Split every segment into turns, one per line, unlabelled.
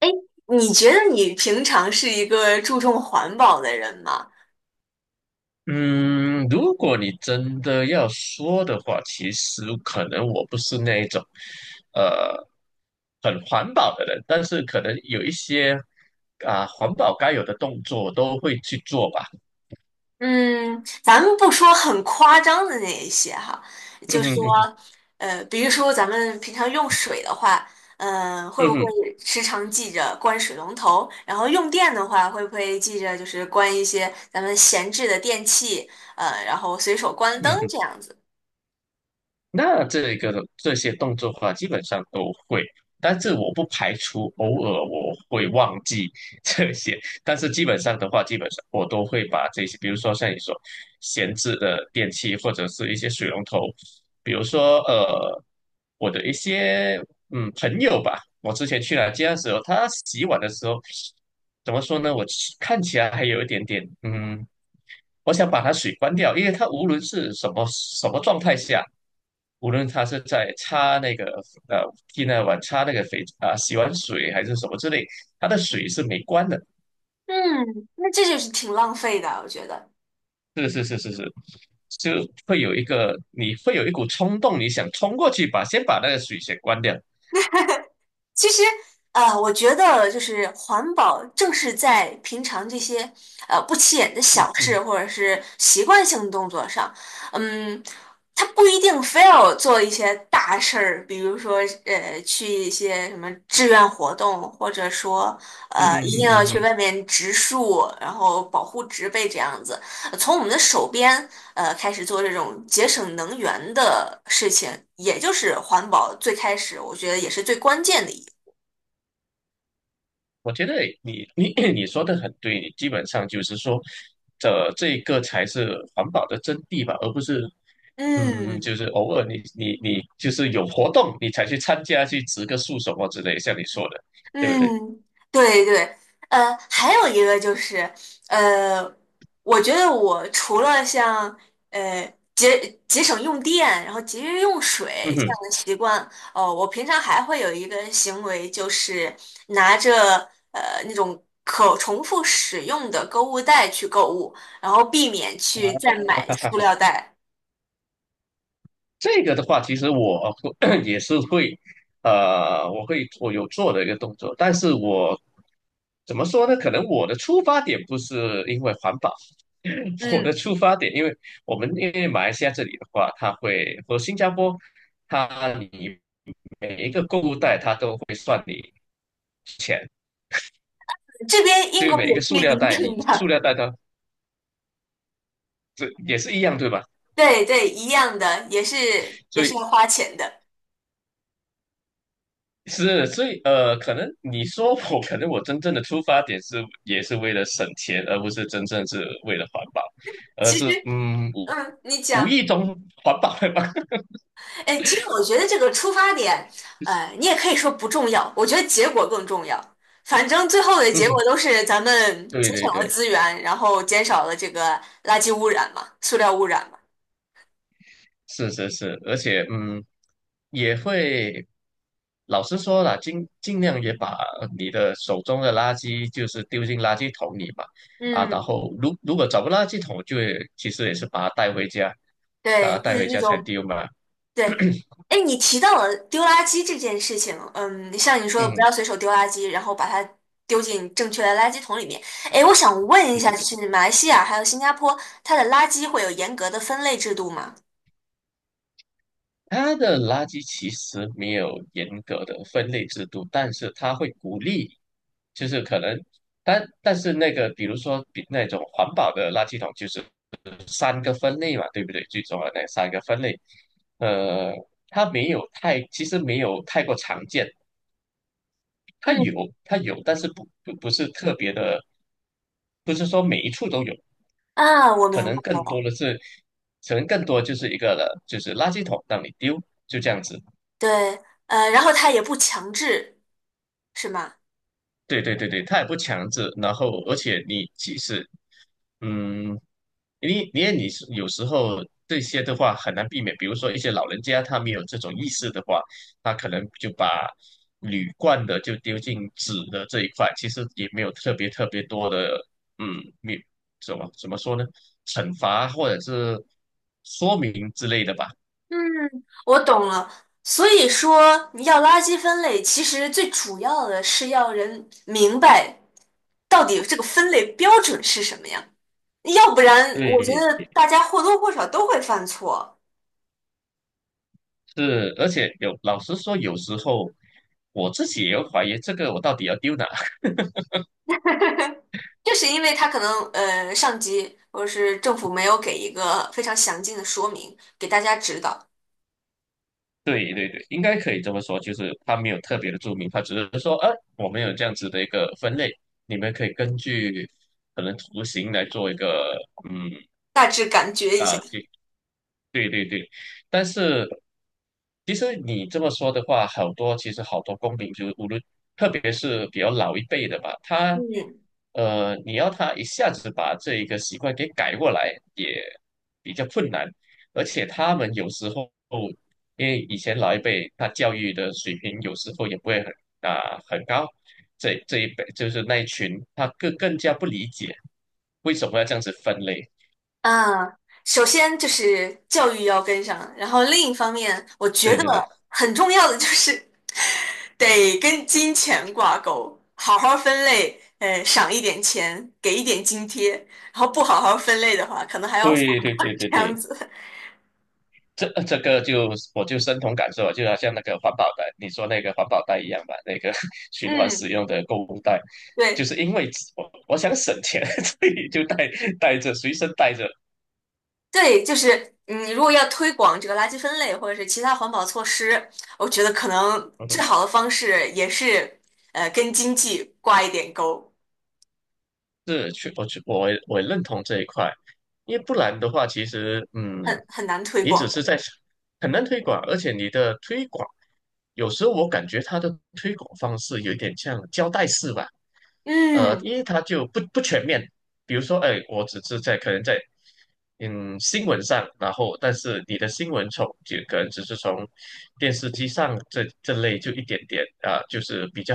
哎，你觉得你平常是一个注重环保的人吗？
嗯，如果你真的要说的话，其实可能我不是那一种，呃，很环保的人，但是可能有一些环保该有的动作我都会去做吧。
嗯，咱们不说很夸张的那一些哈，
嗯
就
哼
说，
哼。
比如说咱们平常用水的话，嗯、会
嗯
不会
哼。
时常记着关水龙头？然后用电的话，会不会记着就是关一些咱们闲置的电器，然后随手关灯
嗯哼。
这样子？
那这些动作的话，基本上都会，但是我不排除偶尔我会忘记 这些，但是基本上我都会把这些，比如说像你说闲置的电器或者是一些水龙头。比如说我的一些朋友吧，我之前去他家的时候，他洗碗的时候怎么说呢？我其看起来还有一点点我想把它水关掉，因为它无论是什么什么状态下，无论它是在擦那个呃替那碗擦那个肥洗完水还是什么之类，它的水是没关的。
嗯，那这就是挺浪费的，我觉得。
是是是是是。就会有一个你会有一股冲动，你想冲过去先把那个水先关掉。
其实，我觉得就是环保，正是在平常这些不起眼的
嗯
小事
嗯
或者是习惯性动作上，嗯，它不一定非要做一些大事儿，比如说去一些什么志愿活动，或者说
嗯嗯
一定
嗯
要
嗯
去
嗯
外面植树，然后保护植被这样子，从我们的手边开始做这种节省能源的事情，也就是环保最开始我觉得也是最关键的一步。
我觉得你说的很对，你基本上就是说。这个才是环保的真谛吧，而不是就
嗯
是偶尔你就是有活动，你才去参加去植个树什么之类，像你说的，对不对？
嗯，对对，还有一个就是，呃，我觉得我除了像呃节省用电，然后节约用
嗯
水这
哼。
样的习惯，哦，我平常还会有一个行为，就是拿着那种可重复使用的购物袋去购物，然后避免去再买塑料 袋。
这个的话，其实我 也是会。我有做的一个动作，但是我怎么说呢？可能我的出发点不是因为环保。我的
嗯，
出发点，因为我们因为马来西亚这里的话，它会和新加坡，你每一个购物袋它都会算你钱。
这边英
对于
国
每一个塑
也是
料
一
袋，
样
你塑
的。
料袋它这也是一样，对吧？
对对，一样的，也是也
所
是
以
要花钱的。
是，所以可能你说我，可能我真正的出发点也是为了省钱，而不是真正是为了环保，而
其
是
实，嗯，你
无
讲，
意中环保了吧？
哎，其实我觉得这个出发点，你也可以说不重要，我觉得结果更重要。反正最后的结果
嗯，
都是咱们
对
节省
对
了
对。
资源，然后减少了这个垃圾污染嘛，塑料污染嘛。
是是是，而且也会。老实说了，尽量也把你的手中的垃圾就是丢进垃圾桶里嘛。啊，然
嗯，
后如果找不到垃圾桶，就会其实也是把它带回家，把它
对，就
带
是
回
这
家才
种
丢嘛。
对，哎，你提到了丢垃圾这件事情，嗯，像你说的，不
嗯，
要随手丢垃圾，然后把它丢进正确的垃圾桶里面。哎，我想问一
对
下，就
对。
是马来西亚还有新加坡，它的垃圾会有严格的分类制度吗？
它的垃圾其实没有严格的分类制度，但是它会鼓励，就是可能，但是那个，比如说比那种环保的垃圾桶，就是三个分类嘛，对不对？最重要的那三个分类。呃，它没有太，其实没有太过常见，它有，
嗯，
它有，但是不是特别的，不是说每一处都有。
啊，我
可
明白
能更多
了。
的是，可能更多就是一个了，就是垃圾桶让你丢，就这样子。
对，然后它也不强制，是吗？
对对对对，他也不强制，然后而且你即使嗯，你因为你是有时候这些的话很难避免。比如说一些老人家他没有这种意识的话，他可能就把铝罐的就丢进纸的这一块，其实也没有特别特别多的嗯，没怎么说呢，惩罚或者是说明之类的吧。
嗯，我懂了。所以说，你要垃圾分类，其实最主要的是要人明白到底这个分类标准是什么呀？要不然我觉
对，
得大家或多或少都会犯错，
是，而且有老实说，有时候我自己也有怀疑，这个我到底要丢哪。
就是因为他可能上级或者是政府没有给一个非常详尽的说明，给大家指导，
对对对，应该可以这么说，就是它没有特别的注明，它只是说，我们有这样子的一个分类，你们可以根据可能图形来做一个。嗯
大致感觉一下。
啊，对对对。但是其实你这么说的话，其实好多公民，就是无论特别是比较老一辈的吧。
嗯
你要他一下子把这一个习惯给改过来，也比较困难。而且他们有时候，因为以前老一辈他教育的水平有时候也不会很很高。这一辈就是那一群，他更加不理解为什么要这样子分类。
啊，首先就是教育要跟上，然后另一方面，我觉
对
得
对对
很重要的就是得跟金钱挂钩，好好分类，赏一点钱，给一点津贴，然后不好好分类的话，可能还要罚
对对对
款
对
这样
对。
子。
这个我就深同感受啊，就好像那个环保袋，你说那个环保袋一样吧，那个 循环
嗯，
使用的购物袋，就
对。
是因为我想省钱，所以就带着随身带着。
对，就是嗯你如果要推广这个垃圾分类或者是其他环保措施，我觉得可能
嗯
最
哼，
好的方式也是跟经济挂一点钩，
是。去我去我也我也认同这一块，因为不然的话，其实
很很难推
你只
广的。
是在很难推广。而且你的推广有时候我感觉它的推广方式有一点像胶带式吧。
嗯
因为它就不全面。比如说，哎，我只是在可能在新闻上，然后但是你的新闻就可能只是从电视机上这类就一点点啊，就是比较，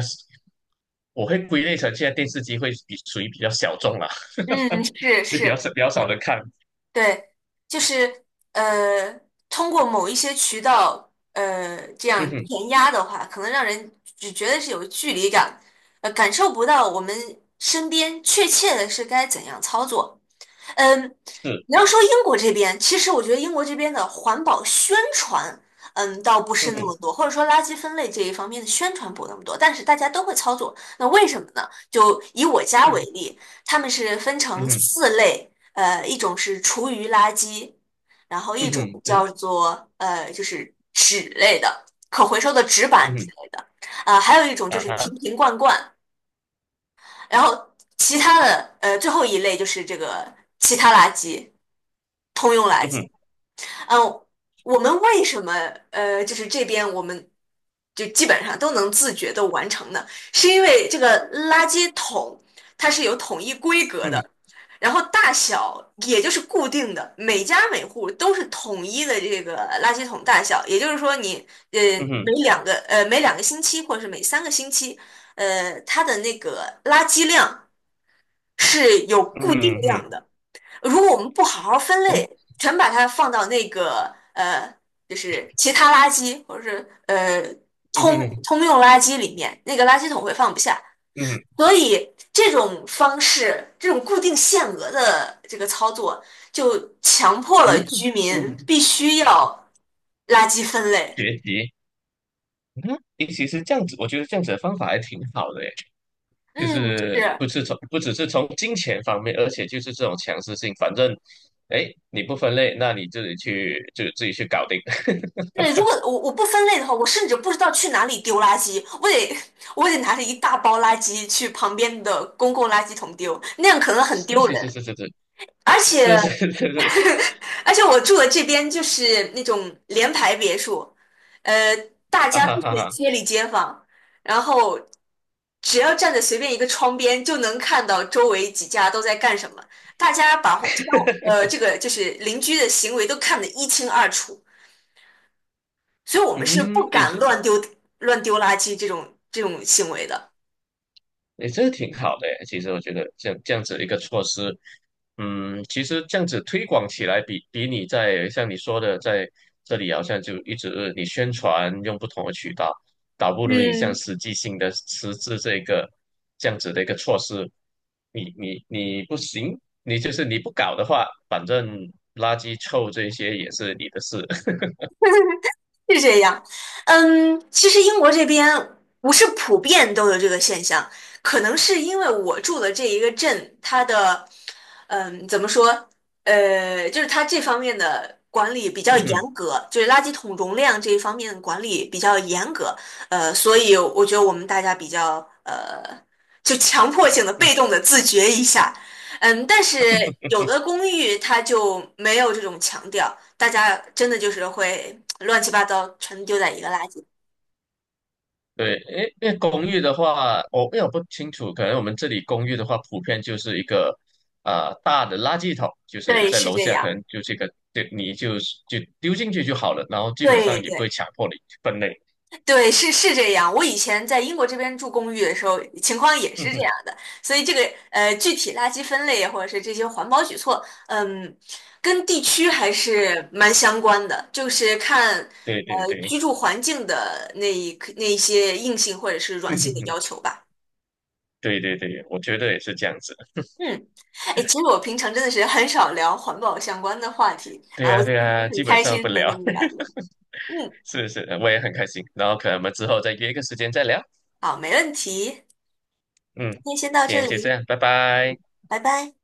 我会归类成现在电视机会比属于比较小众啦。
嗯，是
也比较
是，
少比较少的看。
对，就是呃通过某一些渠道这
嗯
样
哼，
填压的话，可能让人只觉得是有距离感，感受不到我们身边确切的是该怎样操作。嗯，
是。
你要说英国这边，其实我觉得英国这边的环保宣传，嗯，倒不是
嗯
那
哼。
么多，或者说垃圾分类这一方面的宣传不那么多，但是大家都会操作。那为什么呢？就以我家
嗯
为
哼。
例，他们是分
嗯
成
哼。
四类，一种是厨余垃圾，然后一
嗯
种
哼。
叫
对。
做就是纸类的，可回收的纸板
嗯
之
哼。
类的，啊、还有一种就
啊
是瓶
哈。
瓶罐罐，然后其他的最后一类就是这个其他垃圾，通用垃
嗯
圾。
哼。
嗯，我们为什么就是这边我们就基本上都能自觉的完成呢？是因为这个垃圾桶它是有统一规格
嗯哼。
的。然后大小也就是固定的，每家每户都是统一的这个垃圾桶大小，也就是说你呃
嗯
每
哼。
两个呃每两个星期或者是每三个星期，它的那个垃圾量是有固定
嗯哼。
量的。如果我们不好好分
嗯哼。
类，全把它放到那个就是其他垃圾或者是
嗯
通
哼。嗯哼。
通用垃圾里面，那个垃圾桶会放不下。
嗯哼。
所以这种方式，这种固定限额的这个操作，就强迫了居
嗯
民
哼。
必须要垃圾分类。
学习。嗯，诶其实这样子，我觉得这样子的方法还挺好的耶。就
嗯，
是
是。
不是从不只是从金钱方面，而且就是这种强制性。反正，哎，你不分类，那你自己去就自己去搞定。
对，如果我不分类的话，我甚至不知道去哪里丢垃圾，我得拿着一大包垃圾去旁边的公共垃圾桶丢，那样可能很
是
丢
是是
人。
是是
而且
是是是是是。
而且我住的这边就是那种联排别墅，呃，大
啊
家
哈
都是
哈哈。
街里街坊，然后只要站在随便一个窗边就能看到周围几家都在干什么，大家把相这个就是邻居的行为都看得一清二楚。所以我们是不
嗯，诶，
敢乱丢乱丢垃圾这种行为的。
诶，这挺好的诶。其实我觉得这样子一个措施。嗯，其实这样子推广起来比，你在像你说的，在这里好像就一直你宣传用不同的渠道，倒不如你像
嗯。
实际性的实质这个这样子的一个措施。你不行，你就是你不搞的话，反正垃圾臭这些也是你的事。
是这样，嗯，其实英国这边不是普遍都有这个现象，可能是因为我住的这一个镇，它的，嗯，怎么说，就是它这方面的管理比较
嗯哼。
严格，就是垃圾桶容量这一方面的管理比较严格，所以我觉得我们大家比较，呃，就强迫性的、被动的自觉一下，嗯，但是有的公寓它就没有这种强调。大家真的就是会乱七八糟全丢在一个垃圾。
对，因为公寓的话，因为我不清楚，可能我们这里公寓的话，普遍就是一个大的垃圾桶，就是
对，
在
是
楼
这
下，可
样。
能就这个，对，你就是就丢进去就好了，然后基本
对
上也不会
对
强迫你去分类。
对，是是这样。我以前在英国这边住公寓的时候，情况也
嗯
是这
哼，
样的。所以这个具体垃圾分类或者是这些环保举措，嗯，跟地区还是蛮相关的，就是看
对对对。
居住环境的那一些硬性或者是软
嗯
性
哼
的
哼。
要求吧。
对对对，我觉得也是这样子。
嗯，哎，其实我平常真的是很少聊环保相关的话题，然
对
后
啊
今
对
天
啊，
很
基本
开
上不
心能
聊。
跟你聊聊。嗯，
是是，我也很开心。然后可能我们之后再约一个时间再聊。
好，没问题，今
嗯，
天先到
今
这
天就这
里，
样，拜拜。
拜拜。